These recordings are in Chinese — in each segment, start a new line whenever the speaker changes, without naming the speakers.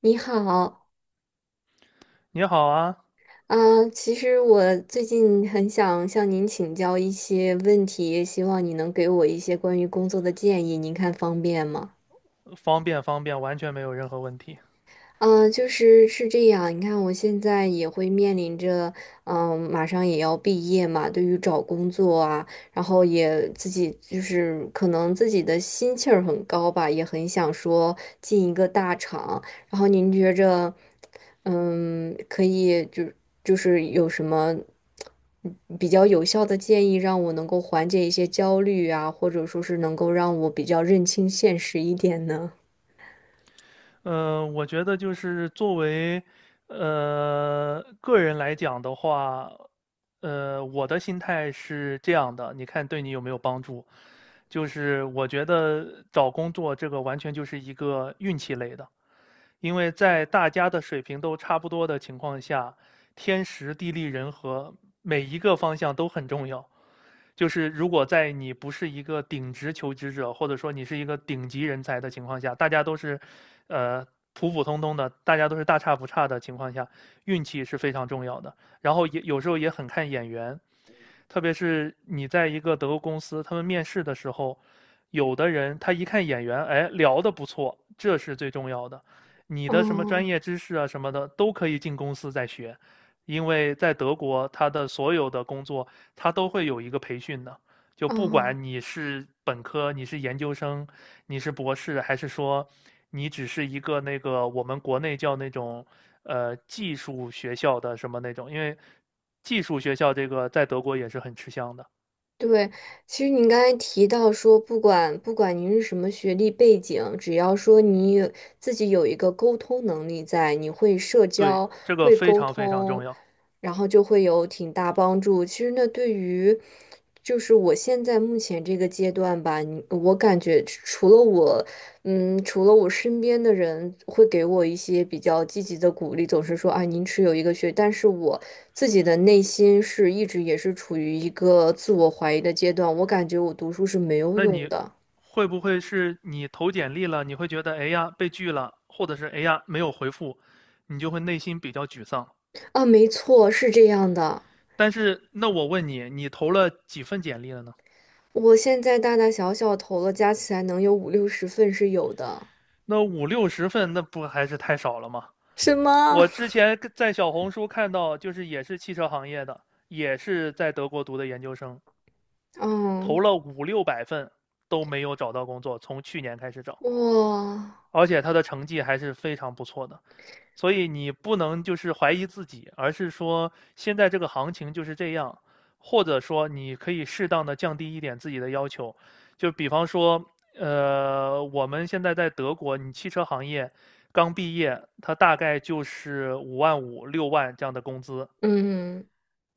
你好。
你好啊，
啊，其实我最近很想向您请教一些问题，希望你能给我一些关于工作的建议，您看方便吗？
方便方便，完全没有任何问题。
就是是这样。你看，我现在也会面临着，马上也要毕业嘛。对于找工作啊，然后也自己就是可能自己的心气儿很高吧，也很想说进一个大厂。然后您觉着，可以就是有什么比较有效的建议，让我能够缓解一些焦虑啊，或者说是能够让我比较认清现实一点呢？
我觉得就是作为个人来讲的话，我的心态是这样的，你看对你有没有帮助？就是我觉得找工作这个完全就是一个运气类的，因为在大家的水平都差不多的情况下，天时地利人和每一个方向都很重要。就是如果在你不是一个顶职求职者，或者说你是一个顶级人才的情况下，大家都是，呃，普普通通的，大家都是大差不差的情况下，运气是非常重要的。然后也有时候也很看眼缘，特别是你在一个德国公司，他们面试的时候，有的人他一看眼缘，哎，聊得不错，这是最重要的。你的什么专
哦
业知识啊什么的都可以进公司再学，因为在德国，他的所有的工作他都会有一个培训的。就不
哦。
管你是本科，你是研究生，你是博士，还是说你只是一个那个我们国内叫那种技术学校的什么那种，因为技术学校这个在德国也是很吃香的。
对，其实您刚才提到说，不管您是什么学历背景，只要说你自己有一个沟通能力在，你会社
对，
交，
这个
会
非
沟
常非常重
通，
要。
然后就会有挺大帮助。其实那对于就是我现在目前这个阶段吧，我感觉除了我身边的人会给我一些比较积极的鼓励，总是说啊，您持有一个学，但是我。自己的内心是一直也是处于一个自我怀疑的阶段，我感觉我读书是没有
那
用
你
的。
会不会是你投简历了，你会觉得哎呀被拒了，或者是哎呀没有回复，你就会内心比较沮丧？
啊，没错，是这样的。
但是那我问你，你投了几份简历了呢？
我现在大大小小投了，加起来能有五六十份是有的。
那五六十份，那不还是太少了吗？
什么？
我之前跟在小红书看到，就是也是汽车行业的，也是在德国读的研究生，投
嗯，
了五六百份都没有找到工作，从去年开始找，
哇，
而且他的成绩还是非常不错的。所以你不能就是怀疑自己，而是说现在这个行情就是这样，或者说你可以适当的降低一点自己的要求，就比方说，我们现在在德国，你汽车行业刚毕业，它大概就是五万五、六万这样的工资，
嗯。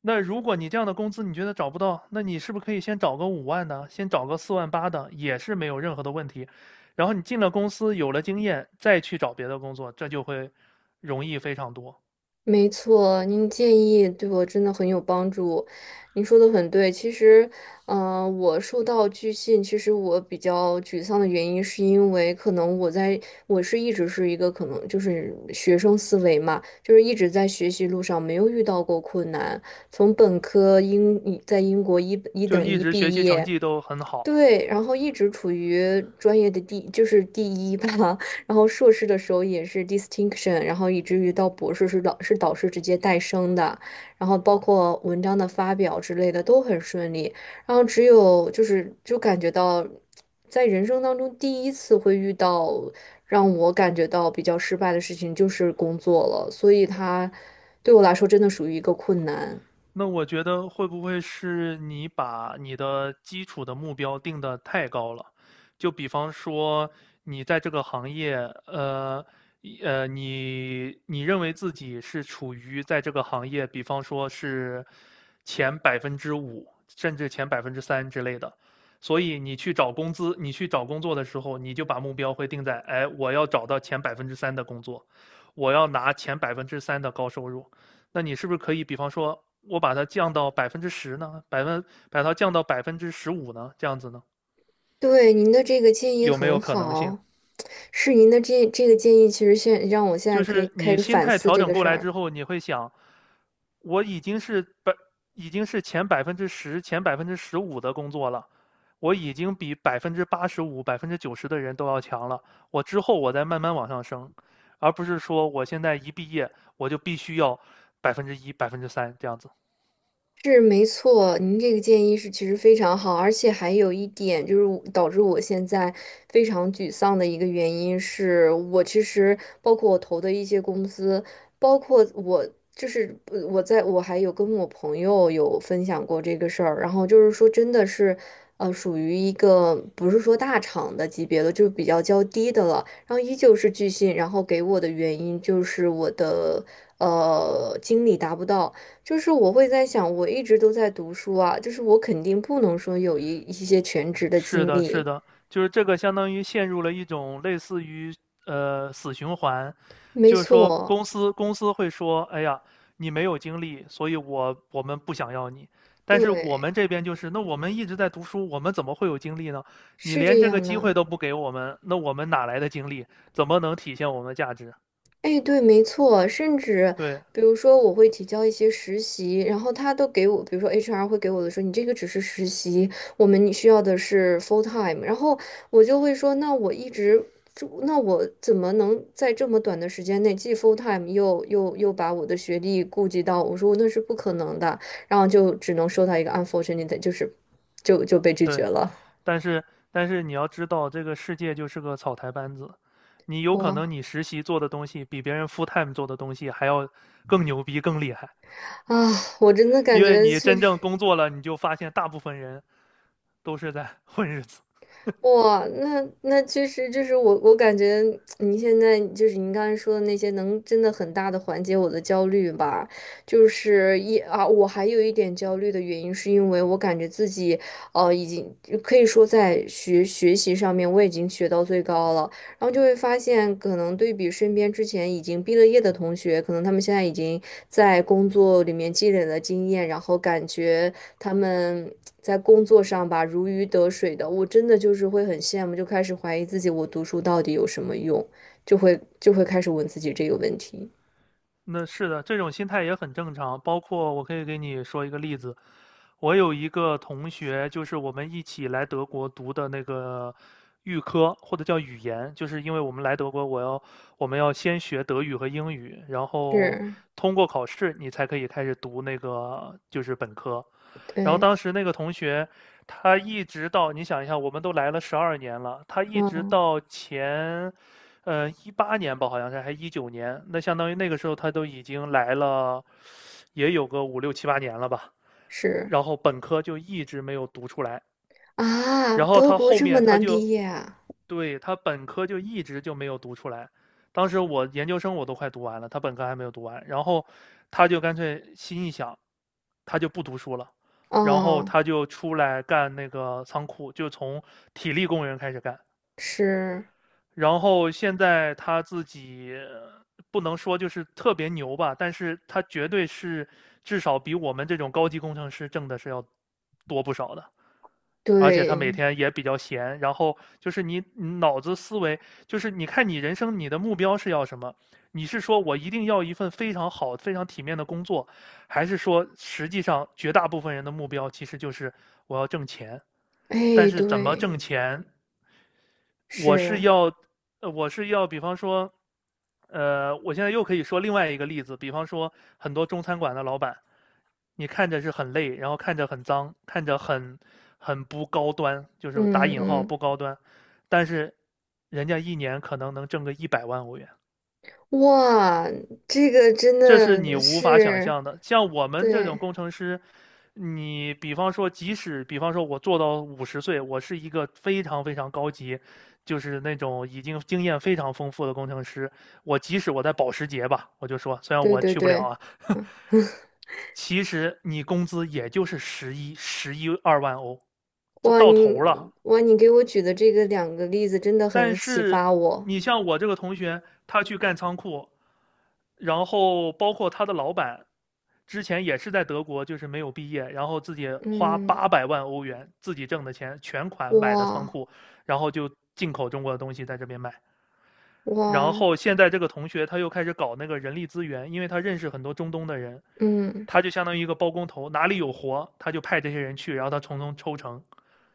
那如果你这样的工资你觉得找不到，那你是不是可以先找个五万的，先找个四万八的，也是没有任何的问题。然后你进了公司，有了经验，再去找别的工作，这就会容易非常多，
没错，您建议对我真的很有帮助。您说的很对，其实，我受到拒信，其实我比较沮丧的原因，是因为可能我是一直是一个可能就是学生思维嘛，就是一直在学习路上没有遇到过困难，从本科在英国一一
就
等
一
一
直学
毕
习成
业。
绩都很好。
对，然后一直处于专业的第，就是第一吧。然后硕士的时候也是 distinction，然后以至于到博士是导师直接带生的，然后包括文章的发表之类的都很顺利。然后只有就感觉到，在人生当中第一次会遇到让我感觉到比较失败的事情，就是工作了。所以它对我来说真的属于一个困难。
那我觉得会不会是你把你的基础的目标定得太高了？就比方说，你在这个行业，呃，你认为自己是处于在这个行业，比方说是前百分之五，甚至前百分之三之类的，所以你去找工资，你去找工作的时候，你就把目标会定在，哎，我要找到前百分之三的工作，我要拿前百分之三的高收入。那你是不是可以，比方说，我把它降到百分之十呢？百分把它降到百分之十五呢？这样子呢，
对，您的这个建议
有没有
很
可能性？
好，是您的这个建议，其实让我现在
就
可以
是
开
你
始
心
反
态
思
调
这
整
个
过
事
来
儿。
之后，你会想，我已经是百，已经是前百分之十、前百分之十五的工作了，我已经比百分之八十五、百分之九十的人都要强了。我之后我再慢慢往上升，而不是说我现在一毕业我就必须要百分之一、百分之三这样子。
是没错，您这个建议是其实非常好，而且还有一点就是我导致我现在非常沮丧的一个原因是，我其实包括我投的一些公司，包括我我还有跟我朋友有分享过这个事儿，然后就是说真的是，属于一个不是说大厂的级别的，就是比较较低的了，然后依旧是拒信，然后给我的原因就是我的经历达不到。就是我会在想，我一直都在读书啊，就是我肯定不能说有一些全职的
是
经
的，是
历。
的，就是这个相当于陷入了一种类似于死循环，
没
就是说
错，
公司会说，哎呀，你没有经历，所以我们不想要你。但是我
对，
们这边就是，那我们一直在读书，我们怎么会有精力呢？你
是
连
这
这个
样
机会
的。
都不给我们，那我们哪来的精力？怎么能体现我们的价值？
哎，对，没错，甚至
对
比如说我会提交一些实习，然后他都给我，比如说 HR 会给我的说，你这个只是实习，你需要的是 full time，然后我就会说，那我一直就，那我怎么能在这么短的时间内既 full time 又把我的学历顾及到？我说那是不可能的，然后就只能收到一个 unfortunate，就被拒绝
对。
了。
但是但是你要知道，这个世界就是个草台班子，你有可
哇
能你实习做的东西比别人 full time 做的东西还要更牛逼、更厉害，
啊，我真的感
因为
觉
你
确
真
实。
正工作了，你就发现大部分人都是在混日子。
哇，那其实就是我感觉你现在就是您刚才说的那些，能真的很大的缓解我的焦虑吧。就是我还有一点焦虑的原因，是因为我感觉自己已经可以说在学习上面我已经学到最高了，然后就会发现，可能对比身边之前已经毕了业的同学，可能他们现在已经在工作里面积累了经验，然后感觉他们在工作上吧如鱼得水的，我真的就是会很羡慕，就开始怀疑自己，我读书到底有什么用，就会开始问自己这个问题。
那是的，这种心态也很正常。包括我可以给你说一个例子，我有一个同学，就是我们一起来德国读的那个预科，或者叫语言，就是因为我们来德国，我们要先学德语和英语，然后
是，
通过考试，你才可以开始读那个就是本科。然后
对，
当时那个同学，他一直到你想一下，我们都来了12年了，他一直
嗯，
到前18年吧，好像是，还19年，那相当于那个时候他都已经来了，也有个五六七八年了吧。
是
然后本科就一直没有读出来，
啊，
然后
德
他
国
后
这么
面他
难
就，
毕业啊？
对，他本科就一直就没有读出来。当时我研究生我都快读完了，他本科还没有读完。然后他就干脆心一想，他就不读书了，然后
哦，
他就出来干那个仓库，就从体力工人开始干。
是，
然后现在他自己不能说就是特别牛吧，但是他绝对是至少比我们这种高级工程师挣的是要多不少的。而且他
对，
每天也比较闲，然后就是你脑子思维，就是你看你人生你的目标是要什么？你是说我一定要一份非常好、非常体面的工作，还是说实际上绝大部分人的目标其实就是我要挣钱？但
哎，
是怎么
对，
挣钱我是
是，
要，比方说，我现在又可以说另外一个例子，比方说很多中餐馆的老板，你看着是很累，然后看着很脏，看着很很不高端，就是打
嗯
引号
嗯，
不高端，但是人家一年可能能挣个100万欧元。
哇，这个真
这是你
的
无法想
是，
象的。像我们这种
对，
工程师，你比方说，即使比方说我做到50岁，我是一个非常非常高级，就是那种已经经验非常丰富的工程师，我即使我在保时捷吧，我就说，虽然
对
我
对
去不了
对。
啊，
嗯
其实你工资也就是十一、十一二万欧，就
哇，
到头了。
哇，你给我举的这个两个例子真的
但
很启
是
发我。
你像我这个同学，他去干仓库，然后包括他的老板，之前也是在德国，就是没有毕业，然后自己花
嗯，
800万欧元自己挣的钱全款买的仓
哇
库，然后就进口中国的东西在这边卖。然
哇，
后现在这个同学他又开始搞那个人力资源，因为他认识很多中东的人，
嗯
他就相当于一个包工头，哪里有活他就派这些人去，然后他从中抽成。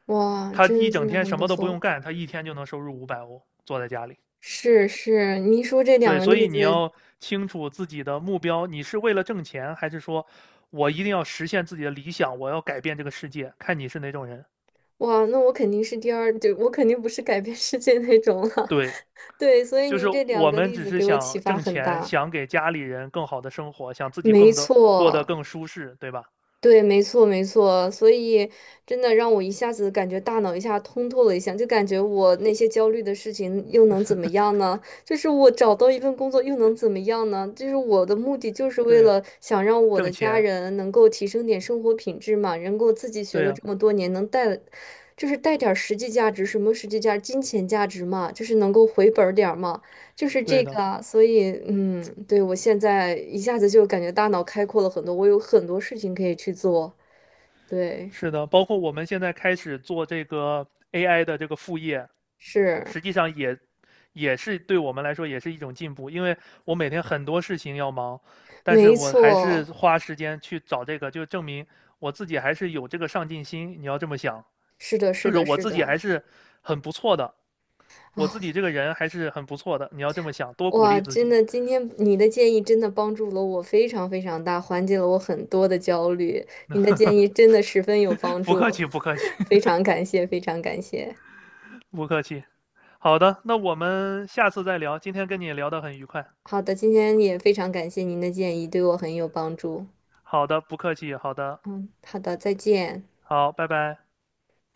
哇，
他一
真真
整
的
天
很
什
不
么都不用
错。
干，他一天就能收入500欧，坐在家里。
是是，您说这两
对，
个
所
例
以你
子，
要清楚自己的目标，你是为了挣钱，还是说我一定要实现自己的理想，我要改变这个世界，看你是哪种人。
哇，那我肯定是第二，对，我肯定不是改变世界那种了。
对，
对，所以
就是
您这两
我
个
们
例
只
子
是
给我启
想
发
挣
很
钱，
大。
想给家里人更好的生活，想自己
没
更的过得
错，
更舒适，对吧？
对，没错，没错，所以真的让我一下子感觉大脑一下通透了一下，就感觉我那些焦虑的事情又能怎么样呢？就是我找到一份工作又能怎么样呢？就是我的目的就是为
对呀，
了想让我
挣
的家
钱，
人能够提升点生活品质嘛，能够自己学
对
了
呀，
这么多年，能带，就是带点儿实际价值，什么实际价值金钱价值嘛，就是能够回本儿点儿嘛。就是
对
这
的。
个啊，所以对，我现在一下子就感觉大脑开阔了很多，我有很多事情可以去做。对，
是的，包括我们现在开始做这个 AI 的这个副业，
是，
实际上也对我们来说也是一种进步，因为我每天很多事情要忙，但是
没
我还是
错，
花时间去找这个，就证明我自己还是有这个上进心。你要这么想，
是的，是
就是
的，
我
是
自己
的。
还是很不错的，我自己这个人还是很不错的。你要这么想，多鼓励
哇，
自
真
己。
的，今天你的建议真的帮助了我非常非常大，缓解了我很多的焦虑。你的建议真的十分有 帮
不客
助，
气，不客气，
非常感谢，非常感谢。
不客气。好的，那我们下次再聊。今天跟你聊得很愉快。
好的，今天也非常感谢您的建议，对我很有帮助。
好的，不客气，好的，
嗯，好的，再见。
好，拜拜。